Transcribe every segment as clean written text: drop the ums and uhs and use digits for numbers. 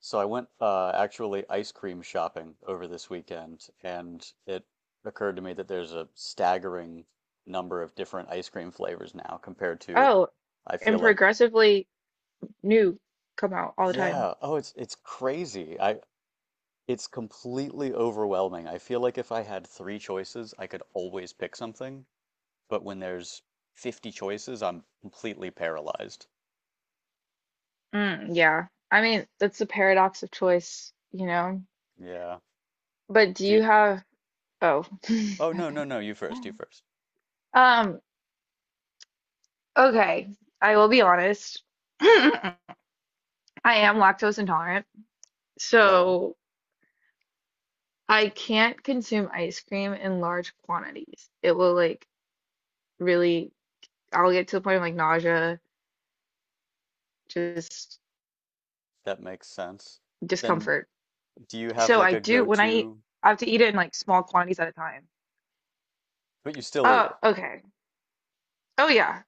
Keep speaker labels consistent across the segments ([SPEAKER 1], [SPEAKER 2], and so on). [SPEAKER 1] So I went actually ice cream shopping over this weekend, and it occurred to me that there's a staggering number of different ice cream flavors now compared to,
[SPEAKER 2] Oh,
[SPEAKER 1] I feel
[SPEAKER 2] and
[SPEAKER 1] like,
[SPEAKER 2] progressively new come out all the time.
[SPEAKER 1] yeah, oh, it's crazy. I It's completely overwhelming. I feel like if I had three choices, I could always pick something, but when there's 50 choices, I'm completely paralyzed.
[SPEAKER 2] Mm, yeah. I mean, that's the paradox of choice, you know?
[SPEAKER 1] Yeah.
[SPEAKER 2] But do
[SPEAKER 1] Do
[SPEAKER 2] you
[SPEAKER 1] you?
[SPEAKER 2] have, oh.
[SPEAKER 1] Oh, no, no, no, you first, you first.
[SPEAKER 2] Um, okay. I will be honest. I am lactose intolerant,
[SPEAKER 1] Right on.
[SPEAKER 2] so I can't consume ice cream in large quantities. It will like really, I'll get to the point of like nausea, just
[SPEAKER 1] That makes sense. Then
[SPEAKER 2] discomfort.
[SPEAKER 1] do you have
[SPEAKER 2] So
[SPEAKER 1] like
[SPEAKER 2] I
[SPEAKER 1] a
[SPEAKER 2] do, when I eat,
[SPEAKER 1] go-to,
[SPEAKER 2] I have to eat it in like small quantities at a time.
[SPEAKER 1] but you still eat
[SPEAKER 2] Oh, okay. Oh, yeah.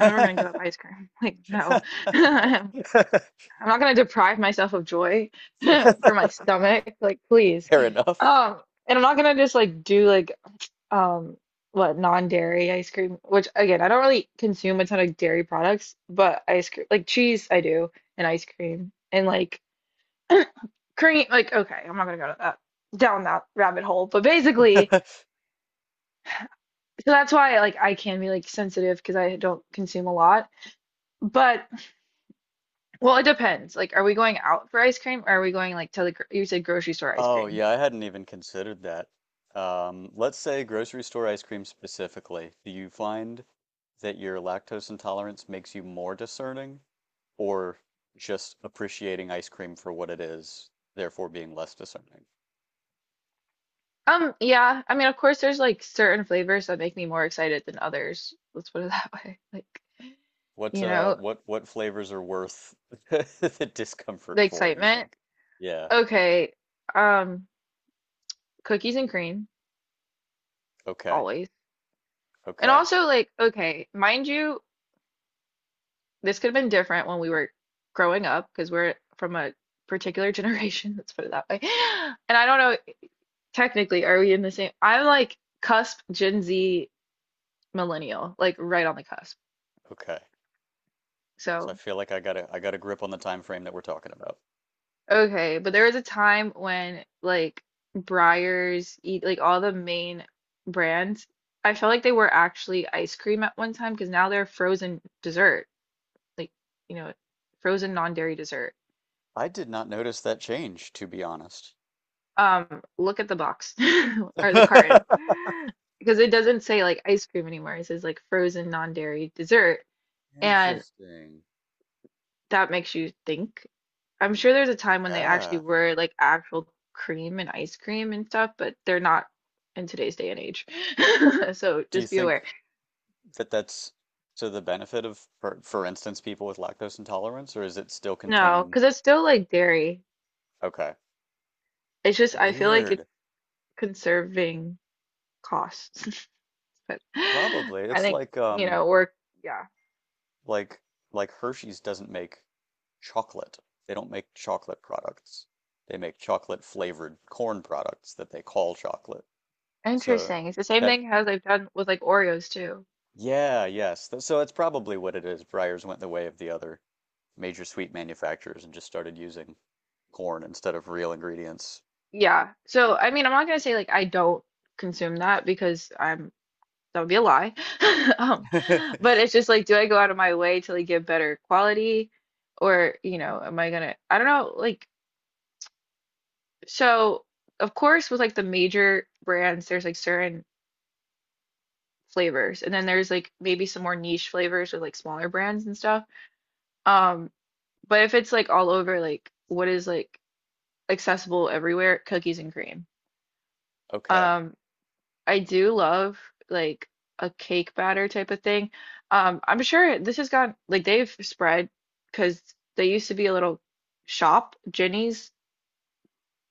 [SPEAKER 2] I'm never gonna give up ice cream. Like, no. I'm not gonna deprive myself of joy for my stomach. Like, please.
[SPEAKER 1] Fair enough.
[SPEAKER 2] Um, and I'm not gonna just like do like um what non-dairy ice cream, which again, I don't really consume a ton of dairy products, but ice cream, like cheese, I do, and ice cream, and like cream. Like, okay, I'm not gonna go to that down that rabbit hole. But basically, so that's why like I can be like sensitive because I don't consume a lot. But well, it depends. Like, are we going out for ice cream or are we going like to the, gr- you said grocery store ice
[SPEAKER 1] Oh,
[SPEAKER 2] cream?
[SPEAKER 1] yeah, I hadn't even considered that. Let's say grocery store ice cream specifically. Do you find that your lactose intolerance makes you more discerning or just appreciating ice cream for what it is, therefore being less discerning?
[SPEAKER 2] Yeah. I mean, of course, there's like certain flavors that make me more excited than others. Let's put it that way. Like,
[SPEAKER 1] What
[SPEAKER 2] you know,
[SPEAKER 1] what flavors are worth the discomfort
[SPEAKER 2] the
[SPEAKER 1] for, you
[SPEAKER 2] excitement.
[SPEAKER 1] think? Yeah.
[SPEAKER 2] Okay. Um, Cookies and cream,
[SPEAKER 1] Okay.
[SPEAKER 2] always. And
[SPEAKER 1] Okay.
[SPEAKER 2] also, like, okay, mind you, this could have been different when we were growing up because we're from a particular generation. Let's put it that way. And I don't know, technically, are we in the same? I'm like cusp Gen Z millennial, like right on the cusp.
[SPEAKER 1] Okay. So I
[SPEAKER 2] So,
[SPEAKER 1] feel like I got a grip on the time frame that we're talking about.
[SPEAKER 2] okay, but there was a time when like Breyers, E- like all the main brands, I felt like they were actually ice cream at one time because now they're frozen dessert, like you know, frozen non-dairy dessert.
[SPEAKER 1] I did not notice that change, to be honest.
[SPEAKER 2] Look at the box or the carton because it doesn't say like ice cream anymore. It says like frozen non-dairy dessert. And
[SPEAKER 1] Interesting.
[SPEAKER 2] that makes you think. I'm sure there's a time when they actually
[SPEAKER 1] Yeah.
[SPEAKER 2] were like actual cream and ice cream and stuff, but they're not in today's day and age. So
[SPEAKER 1] Do you
[SPEAKER 2] just be
[SPEAKER 1] think
[SPEAKER 2] aware.
[SPEAKER 1] that that's to the benefit of, for instance, people with lactose intolerance, or is it still
[SPEAKER 2] No,
[SPEAKER 1] contain?
[SPEAKER 2] because it's still like dairy.
[SPEAKER 1] Okay.
[SPEAKER 2] It's just I feel like it's
[SPEAKER 1] Weird.
[SPEAKER 2] conserving costs. But
[SPEAKER 1] Probably.
[SPEAKER 2] I
[SPEAKER 1] It's
[SPEAKER 2] think,
[SPEAKER 1] like
[SPEAKER 2] you know, we're yeah.
[SPEAKER 1] like like Hershey's doesn't make chocolate. They don't make chocolate products. They make chocolate flavored corn products that they call chocolate. So
[SPEAKER 2] Interesting. It's the same
[SPEAKER 1] that,
[SPEAKER 2] thing as I've done with like Oreos too.
[SPEAKER 1] yeah, yes. So that's probably what it is. Breyers went the way of the other major sweet manufacturers and just started using corn instead of real ingredients.
[SPEAKER 2] Yeah. So I mean, I'm not gonna say like I don't consume that because I'm that would be a lie. Um, but it's just like, do I go out of my way to like get better quality, or you know, am I gonna? I don't know. Like, so of course, with like the major brands, there's like certain flavors, and then there's like maybe some more niche flavors with like smaller brands and stuff. Um, but if it's like all over, like what is like accessible everywhere, cookies and cream.
[SPEAKER 1] Okay,
[SPEAKER 2] Um, I do love like a cake batter type of thing. I'm sure this has got like they've spread because they used to be a little shop, Jenny's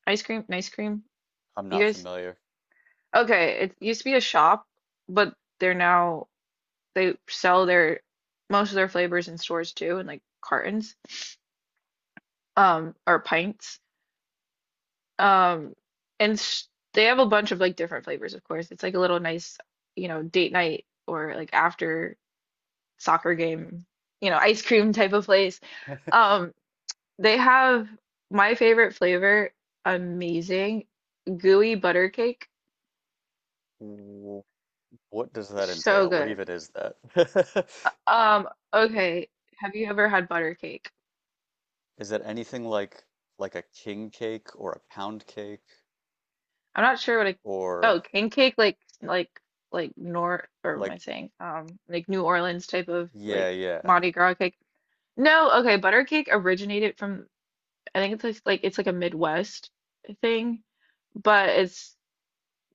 [SPEAKER 2] ice cream.
[SPEAKER 1] I'm
[SPEAKER 2] You
[SPEAKER 1] not
[SPEAKER 2] guys,
[SPEAKER 1] familiar.
[SPEAKER 2] okay, it used to be a shop, but they're now they sell their most of their flavors in stores too, in like cartons, or pints. Um, and sh they have a bunch of like different flavors, of course. It's like a little nice, you know, date night or like after soccer game, you know, ice cream type of place. Um, they have my favorite flavor, amazing, gooey butter cake.
[SPEAKER 1] W- What does that
[SPEAKER 2] So
[SPEAKER 1] entail? What
[SPEAKER 2] good.
[SPEAKER 1] even is that?
[SPEAKER 2] Um, okay. Have you ever had butter cake?
[SPEAKER 1] Is that anything like a king cake or a pound cake
[SPEAKER 2] I'm not sure what a
[SPEAKER 1] or
[SPEAKER 2] oh, king cake like nor or what am
[SPEAKER 1] like
[SPEAKER 2] I saying? Like New Orleans type of
[SPEAKER 1] yeah,
[SPEAKER 2] like
[SPEAKER 1] yeah.
[SPEAKER 2] Mardi Gras cake. No, okay, butter cake originated from I think it's like, it's like a Midwest thing, but it's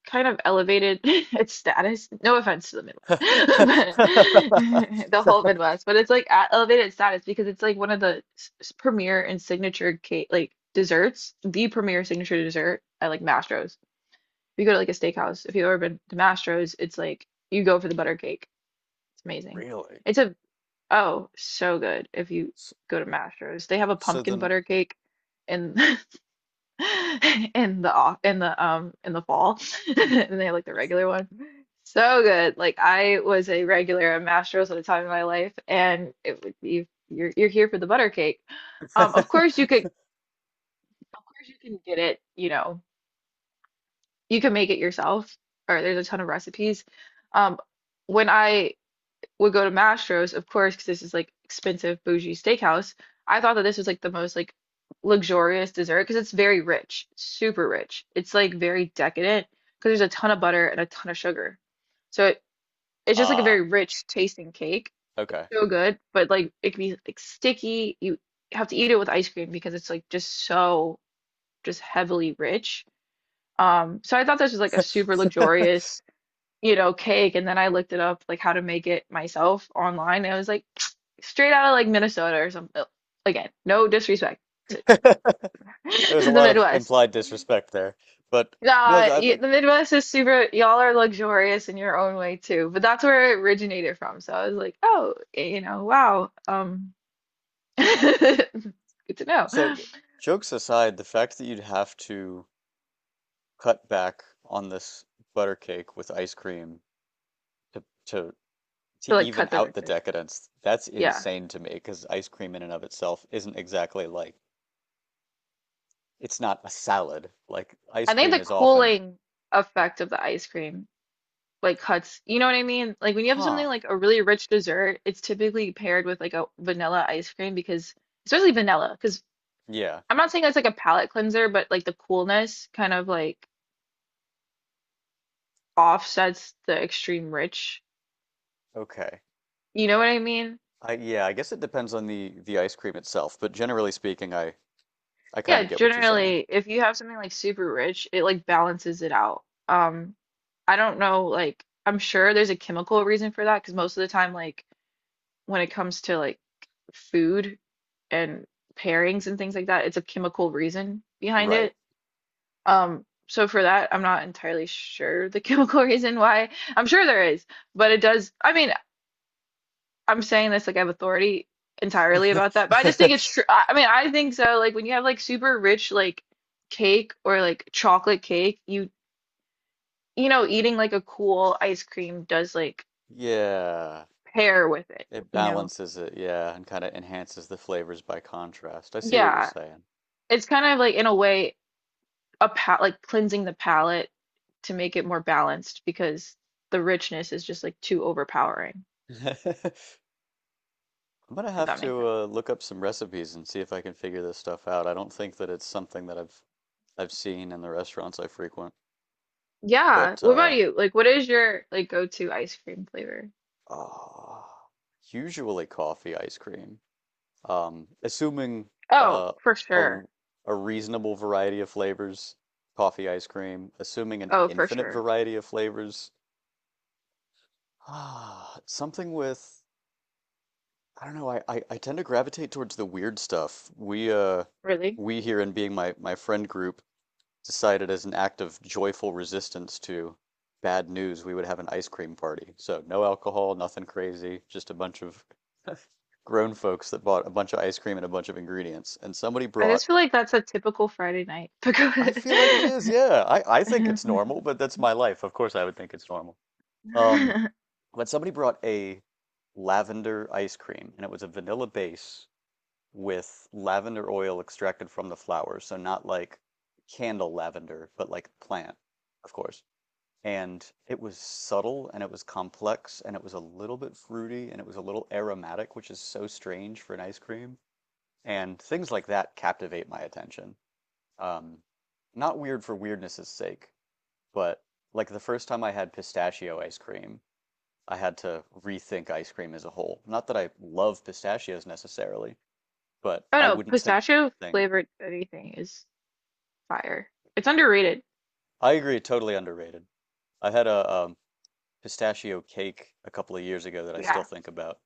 [SPEAKER 2] kind of elevated its status. No offense to the Midwest, but the whole Midwest, but it's like at elevated status because it's like one of the s- premier and signature cake like desserts, the premier signature dessert at like Mastro's. If you go to like a steakhouse, if you've ever been to Mastro's, it's like you go for the butter cake. It's amazing.
[SPEAKER 1] Really?
[SPEAKER 2] It's a oh, so good if you
[SPEAKER 1] S-
[SPEAKER 2] go to Mastro's. They have a
[SPEAKER 1] So
[SPEAKER 2] pumpkin
[SPEAKER 1] then
[SPEAKER 2] butter cake and in the off in the fall and they have like the regular one so good like I was a regular at Mastro's at the time of my life and it would be you're here for the butter cake of course you could of course you can get it you know you can make it yourself or there's a ton of recipes um when I would go to Mastro's, of course, because this is like expensive bougie steakhouse. I thought that this was like the most like luxurious dessert because it's very rich, super rich. It's like very decadent because there's a ton of butter and a ton of sugar. So it's just like a very
[SPEAKER 1] Ah,
[SPEAKER 2] rich tasting cake. It's
[SPEAKER 1] okay.
[SPEAKER 2] so good, but like it can be like sticky. You have to eat it with ice cream because it's like just so just heavily rich. So I thought this was like a super luxurious you know, cake. And then I looked it up, like how to make it myself online. And I was like, straight out of like Minnesota or something. Again, no disrespect to
[SPEAKER 1] There was a
[SPEAKER 2] the
[SPEAKER 1] lot of
[SPEAKER 2] Midwest.
[SPEAKER 1] implied disrespect there. But no,
[SPEAKER 2] Nah,
[SPEAKER 1] that
[SPEAKER 2] the
[SPEAKER 1] like
[SPEAKER 2] Midwest is super, y'all are luxurious in your own way too, but that's where it originated from. So I was like, oh, you know, wow. Good to know.
[SPEAKER 1] so
[SPEAKER 2] To
[SPEAKER 1] jokes aside, the fact that you'd have to cut back on this butter cake with ice cream to to to
[SPEAKER 2] like
[SPEAKER 1] even
[SPEAKER 2] cut the
[SPEAKER 1] out the
[SPEAKER 2] ridges.
[SPEAKER 1] decadence, that's
[SPEAKER 2] Yeah.
[SPEAKER 1] insane to me because ice cream in and of itself isn't exactly like it's not a salad. Like ice
[SPEAKER 2] I think
[SPEAKER 1] cream
[SPEAKER 2] the
[SPEAKER 1] is often,
[SPEAKER 2] cooling effect of the ice cream like cuts, you know what I mean? Like when you have
[SPEAKER 1] huh,
[SPEAKER 2] something like a really rich dessert, it's typically paired with like a vanilla ice cream because especially vanilla, because
[SPEAKER 1] yeah,
[SPEAKER 2] I'm not saying it's like a palate cleanser, but like the coolness kind of like offsets the extreme rich.
[SPEAKER 1] okay.
[SPEAKER 2] You know what I mean?
[SPEAKER 1] I yeah, I guess it depends on the ice cream itself, but generally speaking, I kind
[SPEAKER 2] Yeah,
[SPEAKER 1] of get what you're saying.
[SPEAKER 2] generally, if you have something like super rich, it like balances it out. I don't know, like I'm sure there's a chemical reason for that because most of the time, like when it comes to like food and pairings and things like that, it's a chemical reason behind
[SPEAKER 1] Right.
[SPEAKER 2] it. So for that, I'm not entirely sure the chemical reason why. I'm sure there is but it does I'm saying this like I have authority entirely about that, but I just think it's true. I mean, I think so. Like when you have like super rich like cake or like chocolate cake, you know, eating like a cool ice cream does like
[SPEAKER 1] Yeah,
[SPEAKER 2] pair with it,
[SPEAKER 1] it
[SPEAKER 2] you know.
[SPEAKER 1] balances it, yeah, and kind of enhances the flavors by contrast. I see what you're
[SPEAKER 2] Yeah.
[SPEAKER 1] saying.
[SPEAKER 2] It's kind of like in a way a pa like cleansing the palate to make it more balanced because the richness is just like too overpowering,
[SPEAKER 1] I'm gonna
[SPEAKER 2] if
[SPEAKER 1] have
[SPEAKER 2] that makes
[SPEAKER 1] to
[SPEAKER 2] sense.
[SPEAKER 1] look up some recipes and see if I can figure this stuff out. I don't think that it's something that I've seen in the restaurants I frequent,
[SPEAKER 2] Yeah.
[SPEAKER 1] but
[SPEAKER 2] What about you? Like what is your like go-to ice cream flavor?
[SPEAKER 1] ah, usually coffee ice cream. Assuming
[SPEAKER 2] Oh,
[SPEAKER 1] uh,
[SPEAKER 2] for
[SPEAKER 1] a
[SPEAKER 2] sure.
[SPEAKER 1] r- a reasonable variety of flavors, coffee ice cream. Assuming an
[SPEAKER 2] Oh, for
[SPEAKER 1] infinite
[SPEAKER 2] sure.
[SPEAKER 1] variety of flavors. Ah, something with I don't know, I tend to gravitate towards the weird stuff. We
[SPEAKER 2] Really?
[SPEAKER 1] we here in being my friend group decided as an act of joyful resistance to bad news we would have an ice cream party. So no alcohol, nothing crazy, just a bunch of grown folks that bought a bunch of ice cream and a bunch of ingredients. And somebody
[SPEAKER 2] I
[SPEAKER 1] brought
[SPEAKER 2] just feel like that's a typical Friday night.
[SPEAKER 1] I feel like it is, yeah. I think
[SPEAKER 2] Because
[SPEAKER 1] it's normal, but that's my life. Of course I would think it's normal. Um, when somebody brought a lavender ice cream, and it was a vanilla base with lavender oil extracted from the flowers. So not like candle lavender, but like plant, of course. And it was subtle and it was complex and it was a little bit fruity and it was a little aromatic, which is so strange for an ice cream. And things like that captivate my attention. Um, not weird for weirdness' sake, but like the first time I had pistachio ice cream, I had to rethink ice cream as a whole. Not that I love pistachios necessarily, but
[SPEAKER 2] oh
[SPEAKER 1] I
[SPEAKER 2] no,
[SPEAKER 1] wouldn't think of it as
[SPEAKER 2] pistachio
[SPEAKER 1] a thing.
[SPEAKER 2] flavored anything is fire. It's underrated.
[SPEAKER 1] I agree, totally underrated. I had a pistachio cake a couple of years ago that I still
[SPEAKER 2] Yeah.
[SPEAKER 1] think about.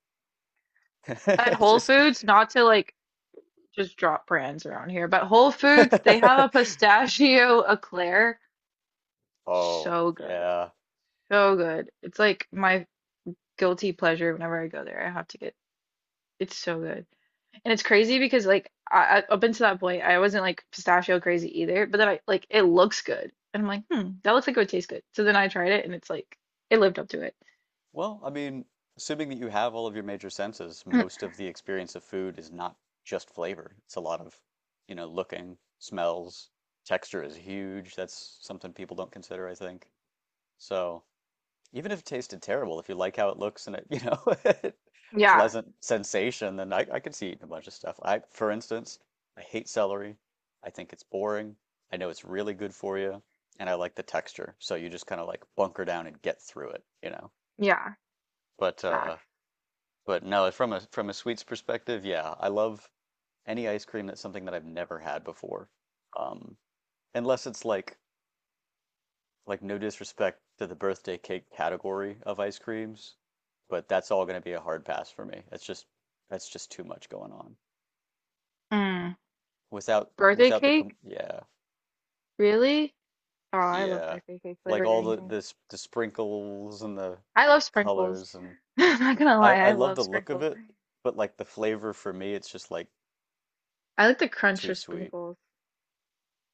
[SPEAKER 2] At
[SPEAKER 1] It's
[SPEAKER 2] Whole
[SPEAKER 1] just
[SPEAKER 2] Foods, not to like just drop brands around here, but Whole Foods, they have a pistachio eclair.
[SPEAKER 1] oh,
[SPEAKER 2] So good.
[SPEAKER 1] yeah.
[SPEAKER 2] So good. It's like my guilty pleasure whenever I go there. I have to get it's so good. And it's crazy because like I- up until that point, I wasn't like pistachio crazy either. But then I like it looks good, and I'm like, hmm, that looks like it would taste good. So then I tried it, and it's like it lived up to it.
[SPEAKER 1] Well, I mean, assuming that you have all of your major senses, most of the experience of food is not just flavor. It's a lot of, you know, looking, smells, texture is huge. That's something people don't consider, I think. So, even if it tasted terrible, if you like how it looks and it, you know,
[SPEAKER 2] Yeah,
[SPEAKER 1] pleasant sensation, then I could see eating a bunch of stuff. I, for instance, I hate celery. I think it's boring. I know it's really good for you, and I like the texture. So you just kind of like bunker down and get through it, you know.
[SPEAKER 2] yeah,
[SPEAKER 1] But uh,
[SPEAKER 2] fact.
[SPEAKER 1] but no, from a sweets perspective, yeah, I love any ice cream that's something that I've never had before. Um, unless it's like no disrespect to the birthday cake category of ice creams, but that's all going to be a hard pass for me. That's just too much going on.
[SPEAKER 2] Mm. Birthday
[SPEAKER 1] Without the
[SPEAKER 2] cake?
[SPEAKER 1] com yeah,
[SPEAKER 2] Really? Oh, I love
[SPEAKER 1] yeah.
[SPEAKER 2] birthday cake
[SPEAKER 1] Like
[SPEAKER 2] flavored
[SPEAKER 1] all the,
[SPEAKER 2] anything.
[SPEAKER 1] the sprinkles and the
[SPEAKER 2] I love sprinkles.
[SPEAKER 1] colors and
[SPEAKER 2] I'm not gonna lie,
[SPEAKER 1] I
[SPEAKER 2] I
[SPEAKER 1] love
[SPEAKER 2] love
[SPEAKER 1] the look of
[SPEAKER 2] sprinkles.
[SPEAKER 1] it, but like the flavor for me it's just like
[SPEAKER 2] I like the crunch
[SPEAKER 1] too
[SPEAKER 2] of
[SPEAKER 1] sweet.
[SPEAKER 2] sprinkles.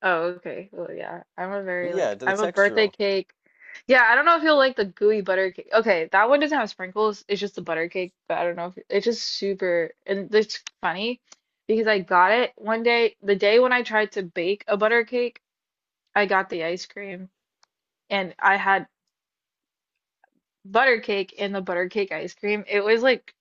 [SPEAKER 2] Oh, okay. Well, yeah. I'm a
[SPEAKER 1] But
[SPEAKER 2] very
[SPEAKER 1] yeah,
[SPEAKER 2] like
[SPEAKER 1] the
[SPEAKER 2] I'm a birthday
[SPEAKER 1] textural.
[SPEAKER 2] cake. Yeah, I don't know if you'll like the gooey butter cake. Okay, that one doesn't have sprinkles. It's just the butter cake, but I don't know if it's just super and it's funny because I got it one day, the day when I tried to bake a butter cake, I got the ice cream and I had butter cake and the butter cake ice cream. It was like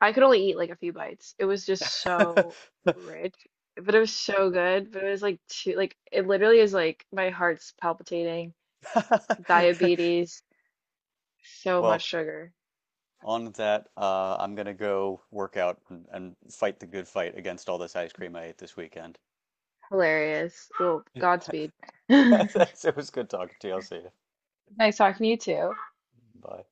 [SPEAKER 2] I could only eat like a few bites. It was just so rich but it was so good. But it was like too like it literally is like my heart's palpitating diabetes, so much
[SPEAKER 1] Well,
[SPEAKER 2] sugar.
[SPEAKER 1] on that, I'm gonna go work out and fight the good fight against all this ice cream I ate this weekend.
[SPEAKER 2] Hilarious. Well, Godspeed.
[SPEAKER 1] It was good talking to you. I'll see you.
[SPEAKER 2] Nice talking to you too.
[SPEAKER 1] Bye.